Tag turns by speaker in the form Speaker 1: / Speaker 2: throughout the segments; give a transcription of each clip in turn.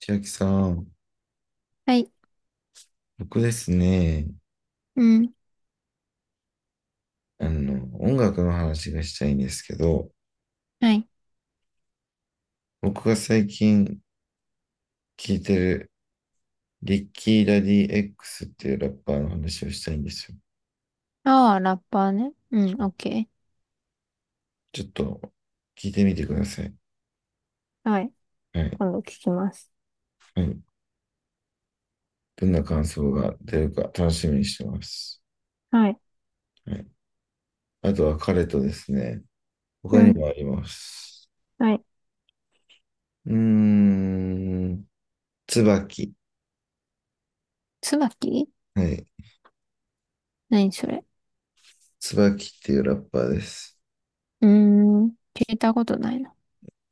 Speaker 1: 千秋さん、
Speaker 2: はい。
Speaker 1: 僕ですね、
Speaker 2: うん。
Speaker 1: 音楽の話がしたいんですけど、
Speaker 2: はい。
Speaker 1: 僕が最近聴いてるリッキー・ラディ X っていうラッパーの話をしたいんですよ。
Speaker 2: ああ、ラッパーね。うん、オッケ
Speaker 1: ちょっと聞いてみてください。
Speaker 2: ー。はい。
Speaker 1: はい。
Speaker 2: 今度聞きます。
Speaker 1: はい。どんな感想が出るか楽しみにしてます。
Speaker 2: はい。
Speaker 1: はい。あとは彼とですね、
Speaker 2: う
Speaker 1: 他に
Speaker 2: ん。
Speaker 1: もあります。
Speaker 2: はい。
Speaker 1: うーん、椿。
Speaker 2: 椿。
Speaker 1: はい。
Speaker 2: 何それ。
Speaker 1: 椿っていうラッパーです。
Speaker 2: うーん。聞いたことないな。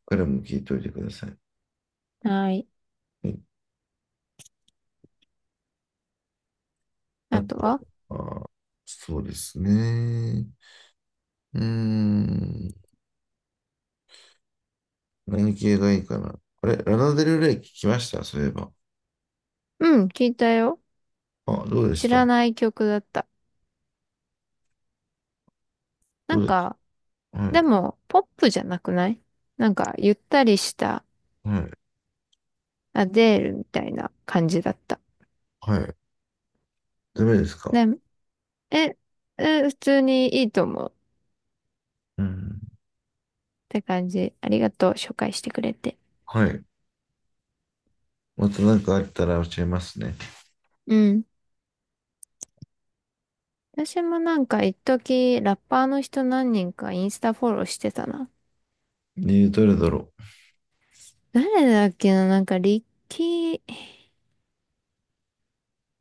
Speaker 1: 彼も聞いておいてください。は
Speaker 2: はい。
Speaker 1: い。あ
Speaker 2: あと
Speaker 1: と、
Speaker 2: は。
Speaker 1: あ、そうですね。うーん。何系がいいかな。あれ、ラナデルレイ聞きましたそういえば。
Speaker 2: うん、聞いたよ。
Speaker 1: あ、どうで
Speaker 2: 知
Speaker 1: した
Speaker 2: ら
Speaker 1: ど
Speaker 2: ない曲だった。なん
Speaker 1: うでし
Speaker 2: か、
Speaker 1: たはい、
Speaker 2: でも、ポップじゃなくない？なんか、ゆったりした
Speaker 1: はい、
Speaker 2: アデールみたいな感じだった。
Speaker 1: はい。ダメですか？
Speaker 2: で、え、普通にいいと思うっ
Speaker 1: うん。
Speaker 2: て感じ。ありがとう、紹介してくれて。
Speaker 1: はい。また何かあったら教えますね。
Speaker 2: うん。私もなんか一時ラッパーの人何人かインスタフォローしてたな。
Speaker 1: ねえ、どれだろう。
Speaker 2: 誰だっけな。なんかリッキー、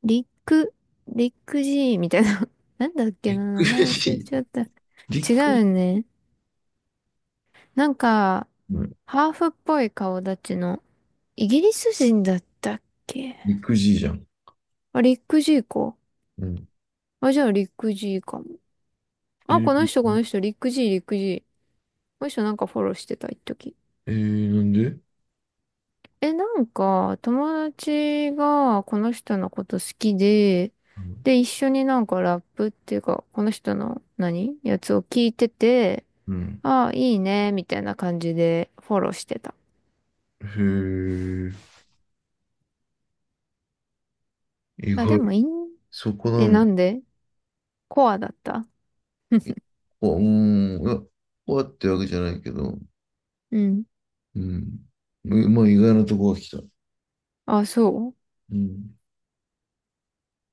Speaker 2: リック、リック G みたいな。なんだっけ
Speaker 1: ビッ
Speaker 2: な。
Speaker 1: グ
Speaker 2: 名前忘れ
Speaker 1: G。
Speaker 2: ちゃった。
Speaker 1: ビッグ、
Speaker 2: 違うね。なんか、
Speaker 1: うん、
Speaker 2: ハーフっぽい顔立ちの、イギリス人だったっけ？
Speaker 1: ビッグ G じゃん。
Speaker 2: あ、リック G か。
Speaker 1: うん。
Speaker 2: あ、じゃあリック G かも。
Speaker 1: え
Speaker 2: あ、
Speaker 1: ー、
Speaker 2: この人この人、リック G、リック G。この人なんかフォローしてた、一時。
Speaker 1: えーなんで
Speaker 2: え、なんか、友達がこの人のこと好きで、
Speaker 1: うん。
Speaker 2: で、一緒になんかラップっていうか、この人の何やつを聞いてて、
Speaker 1: うん。
Speaker 2: ああ、いいね、みたいな感じでフォローしてた。
Speaker 1: へえ、意
Speaker 2: あ、で
Speaker 1: 外。
Speaker 2: もいいん、
Speaker 1: そこな
Speaker 2: え、
Speaker 1: んだ。
Speaker 2: なんで？コアだった？
Speaker 1: 結 構、いや、こうやってわけじゃないけど、
Speaker 2: うん。
Speaker 1: うん。う、まあ、意外なとこが来た。
Speaker 2: あ、そ
Speaker 1: うん。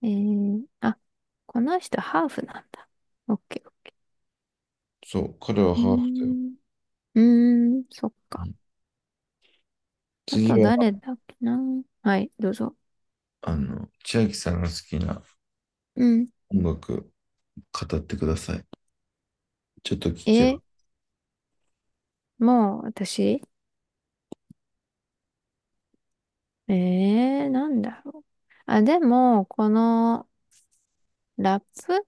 Speaker 2: う。えー、あ、この人ハーフなんだ。オッケー。
Speaker 1: そう、彼は
Speaker 2: うー
Speaker 1: ハーフだよ。
Speaker 2: ん、うーん、そっ
Speaker 1: う
Speaker 2: か。
Speaker 1: ん。
Speaker 2: あ
Speaker 1: 次
Speaker 2: と
Speaker 1: は、
Speaker 2: 誰だっけな。はい、どうぞ。
Speaker 1: 千秋さんが好きな
Speaker 2: うん。
Speaker 1: 音楽、語ってください。ちょっと聞きよ
Speaker 2: え、もう私。ええー、なんだろう。あ、でも、このラップ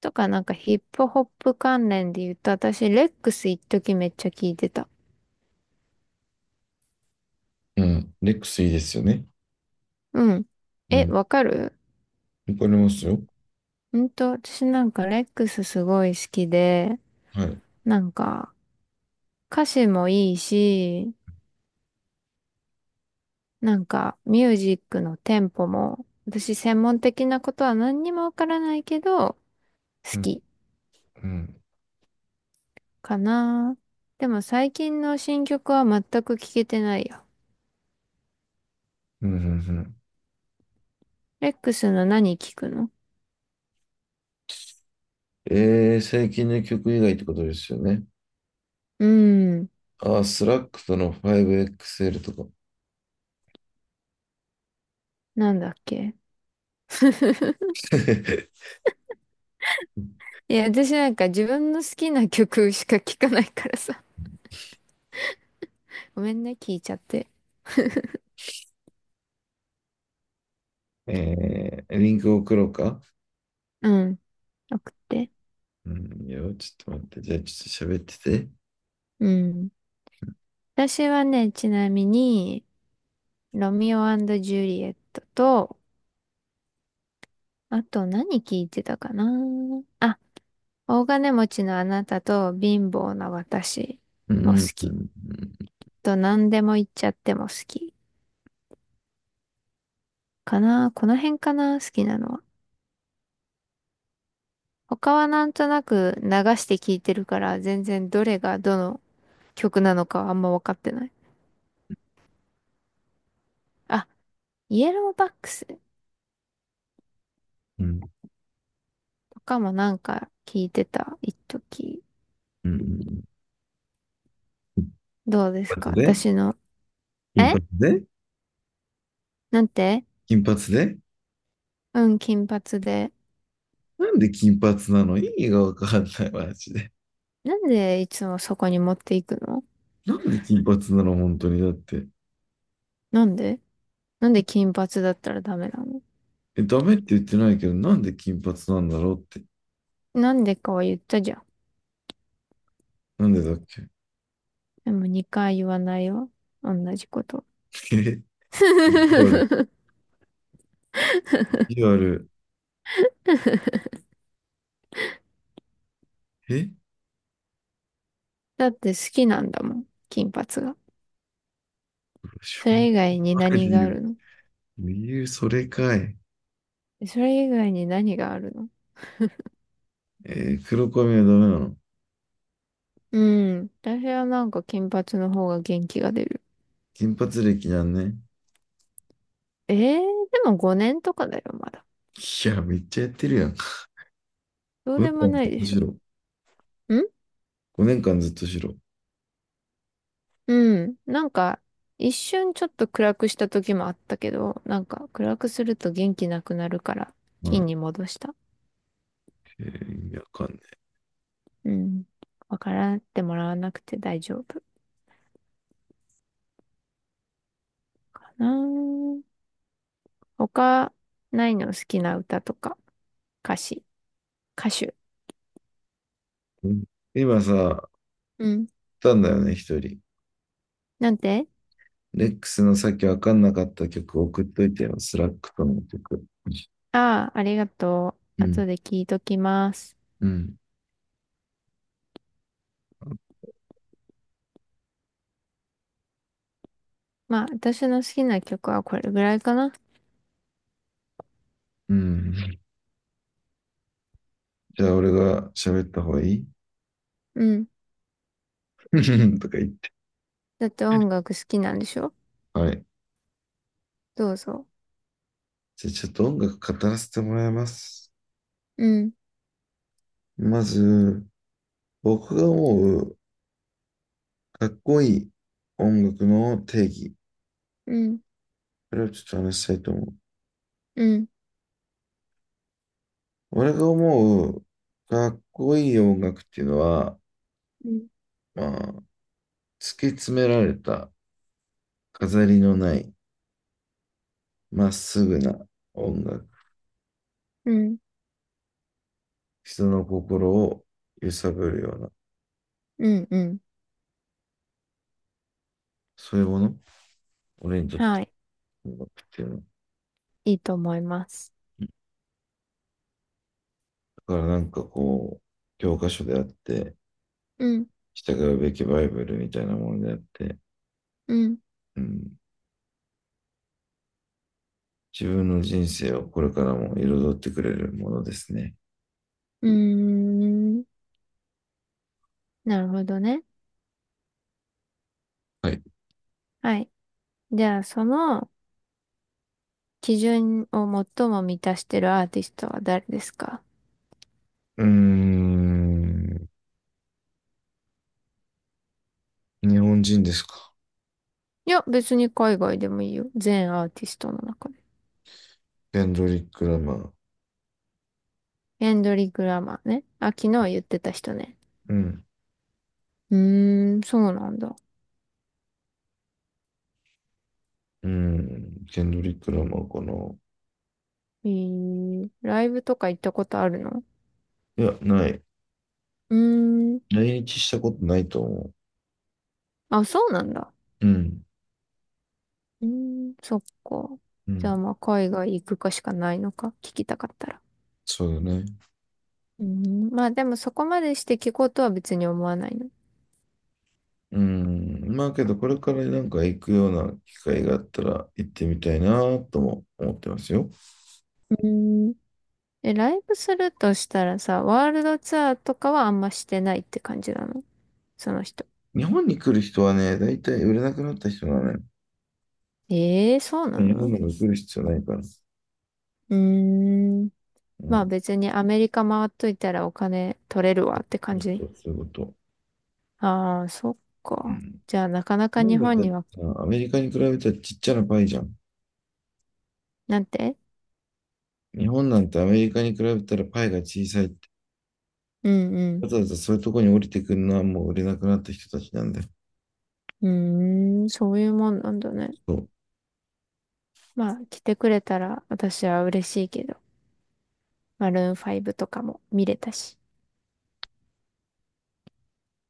Speaker 2: とかなんかヒップホップ関連で言うと、私、レックス一時めっちゃ聞いてた。
Speaker 1: う。うん。レックスいいですよね。
Speaker 2: うん。
Speaker 1: う
Speaker 2: え、
Speaker 1: ん。
Speaker 2: わかる？
Speaker 1: わかりますよ。
Speaker 2: うんと、私なんかレックスすごい好きで、
Speaker 1: はい。
Speaker 2: なんか歌詞もいいし、なんかミュージックのテンポも、私専門的なことは何にもわからないけど、好
Speaker 1: うん。
Speaker 2: き
Speaker 1: うん。
Speaker 2: かな。でも最近の新曲は全く聞けてないや。
Speaker 1: うん。うんうん、
Speaker 2: レックスの何聞くの？
Speaker 1: 最近の曲以外ってことですよね。
Speaker 2: うーん。
Speaker 1: ああ、スラックとの 5XL とか。
Speaker 2: なんだっけ？ いや、私なんか自分の好きな曲しか聞かないからさ。ごめんね、聞いちゃって。
Speaker 1: えー、リンク送ろうか？
Speaker 2: うん。送って。
Speaker 1: うんよ、ちょっと待って。じゃあ、ちょっと喋ってて。
Speaker 2: うん。私はね、ちなみに、ロミオジュリエットと、あと何聞いてたかな。あ、大金持ちのあなたと貧乏な私
Speaker 1: う
Speaker 2: も好
Speaker 1: ん、う
Speaker 2: き。
Speaker 1: ん、
Speaker 2: と、何でも言っちゃっても好きかな。この辺かな好きなのは。他はなんとなく流して聴いてるから、全然どれがどの曲なのかはあんま分かってない。あ、イエローバックス
Speaker 1: うん、うん。
Speaker 2: とかもなんか聴いてた、一時。
Speaker 1: うん。
Speaker 2: どうです
Speaker 1: 金
Speaker 2: か
Speaker 1: 髪で、
Speaker 2: 私の。
Speaker 1: 金
Speaker 2: え？
Speaker 1: 髪で、
Speaker 2: なんて？
Speaker 1: 金髪で、
Speaker 2: うん、金髪で。
Speaker 1: なんで金髪なの？意味がわかんない、マジで。
Speaker 2: なんでいつもそこに持っていくの？
Speaker 1: なんで金髪なの本当に。だって。
Speaker 2: なんで？なんで金髪だったらダメなの？
Speaker 1: え、ダメって言ってないけど、なんで金髪なんだろうって。
Speaker 2: なんでかは言ったじゃん。
Speaker 1: なんでだっけ？
Speaker 2: でも2回言わないよ。同じこと。
Speaker 1: え、意地悪。意地悪。え、
Speaker 2: だって好きなんだもん、金髪が。
Speaker 1: しょ
Speaker 2: そ
Speaker 1: うが
Speaker 2: れ以外に
Speaker 1: ない
Speaker 2: 何
Speaker 1: 理
Speaker 2: があ
Speaker 1: 由。
Speaker 2: るの？
Speaker 1: 理由、それかい。
Speaker 2: それ以外に何があるの？
Speaker 1: えー黒髪はダメなの？
Speaker 2: うん。私はなんか金髪の方が元気が出る。
Speaker 1: 金髪歴なんね。
Speaker 2: えー、でも5年とかだよ、まだ。
Speaker 1: いや、めっちゃやってるやん。
Speaker 2: どう
Speaker 1: 5
Speaker 2: で
Speaker 1: 年
Speaker 2: も
Speaker 1: 間
Speaker 2: な
Speaker 1: ずっ
Speaker 2: いで
Speaker 1: と
Speaker 2: し
Speaker 1: 白。
Speaker 2: ょ。ん。
Speaker 1: 5年間ずっと白。
Speaker 2: うん。なんか、一瞬ちょっと暗くした時もあったけど、なんか暗くすると元気なくなるから、
Speaker 1: は
Speaker 2: 金
Speaker 1: い。
Speaker 2: に戻した。
Speaker 1: えー意味わかんない。
Speaker 2: うん。わからってもらわなくて大丈夫かな。他、ないの？好きな歌とか、歌詞、歌手。
Speaker 1: うん。今さ、送っ
Speaker 2: うん。
Speaker 1: たんだよね、一人。
Speaker 2: なんて？
Speaker 1: レックスのさっきわかんなかった曲送っといてよ。スラックとの曲。う
Speaker 2: ああ、ありがとう。
Speaker 1: ん。
Speaker 2: 後で聞いときます。
Speaker 1: うん。
Speaker 2: まあ、私の好きな曲はこれぐらいかな。
Speaker 1: うん。じゃあ、俺が喋った方がいい？
Speaker 2: うん。
Speaker 1: とか言って。
Speaker 2: だって音楽好きなんでしょ？
Speaker 1: はい。
Speaker 2: どうぞ。
Speaker 1: じゃあ、ちょっと音楽語らせてもらいます。
Speaker 2: うん、
Speaker 1: まず、僕が思うかっこいい音楽の定義。
Speaker 2: うん、
Speaker 1: これをちょっと話したいと思う。
Speaker 2: うん、
Speaker 1: 俺が思うかっこいい音楽っていうのは、
Speaker 2: うん、
Speaker 1: まあ、突き詰められた飾りのないまっすぐな音楽。
Speaker 2: うん、
Speaker 1: 人の心を揺さぶるような、
Speaker 2: うん、うん。
Speaker 1: そういうもの。俺にとって
Speaker 2: はい。
Speaker 1: 音楽っていうのは。
Speaker 2: いいと思います。
Speaker 1: だからなんかこう、教科書であって、
Speaker 2: うん、
Speaker 1: 従うべきバイブルみたいなものであって、
Speaker 2: うん、
Speaker 1: うん、自分の人生をこれからも彩ってくれるものですね。
Speaker 2: うーん。なるほどね。
Speaker 1: はい。
Speaker 2: はい。じゃあ、その基準を最も満たしてるアーティストは誰ですか？
Speaker 1: うーん、日本人ですか？
Speaker 2: いや、別に海外でもいいよ。全アーティストの中で。
Speaker 1: ケンドリック・ラマー。
Speaker 2: エンドリック・ラマーね。あ、昨日言ってた人ね。
Speaker 1: うん。
Speaker 2: うーん、そうなんだ。
Speaker 1: うん。ケンドリック・ラマーかな。
Speaker 2: えー、ライブとか行ったことあるの？
Speaker 1: いや、ない。
Speaker 2: うーん。
Speaker 1: 来日したことないと思
Speaker 2: あ、そうなんだ。
Speaker 1: う。うん。
Speaker 2: うーん、そっか。
Speaker 1: う
Speaker 2: じゃあ
Speaker 1: ん。
Speaker 2: まあ、海外行くかしかないのか。聞きたかったら。
Speaker 1: そうだね。
Speaker 2: うーん、まあでもそこまでして聞こうとは別に思わないの。
Speaker 1: うん。まあけど、これからなんか行くような機会があったら行ってみたいなとも思ってますよ。
Speaker 2: うーん。え、ライブするとしたらさ、ワールドツアーとかはあんましてないって感じなの？その人。
Speaker 1: 日本に来る人はね、大体売れなくなった人なのよ。
Speaker 2: ええー、そうな
Speaker 1: 日本
Speaker 2: の？
Speaker 1: にも来る必要ないから。
Speaker 2: うーん。
Speaker 1: う
Speaker 2: まあ
Speaker 1: ん。
Speaker 2: 別にアメリカ回っといたらお金取れるわって感じ。
Speaker 1: そうそういうこと。
Speaker 2: ああ、そっ
Speaker 1: う
Speaker 2: か。
Speaker 1: ん。
Speaker 2: じゃあなかな
Speaker 1: 日
Speaker 2: か
Speaker 1: 本
Speaker 2: 日
Speaker 1: だ
Speaker 2: 本
Speaker 1: っ
Speaker 2: に
Speaker 1: て
Speaker 2: は、
Speaker 1: さアメリカに比べたらちっちゃなパイじゃん。
Speaker 2: なんて？
Speaker 1: 日本なんてアメリカに比べたらパイが小さい。
Speaker 2: うん
Speaker 1: わざわざそういうところに降りてくるのはもう売れなくなった人たちなんで、
Speaker 2: うん。うーん、そういうもんなんだね。
Speaker 1: そう
Speaker 2: まあ来てくれたら私は嬉しいけど、マルーン5とかも見れたし。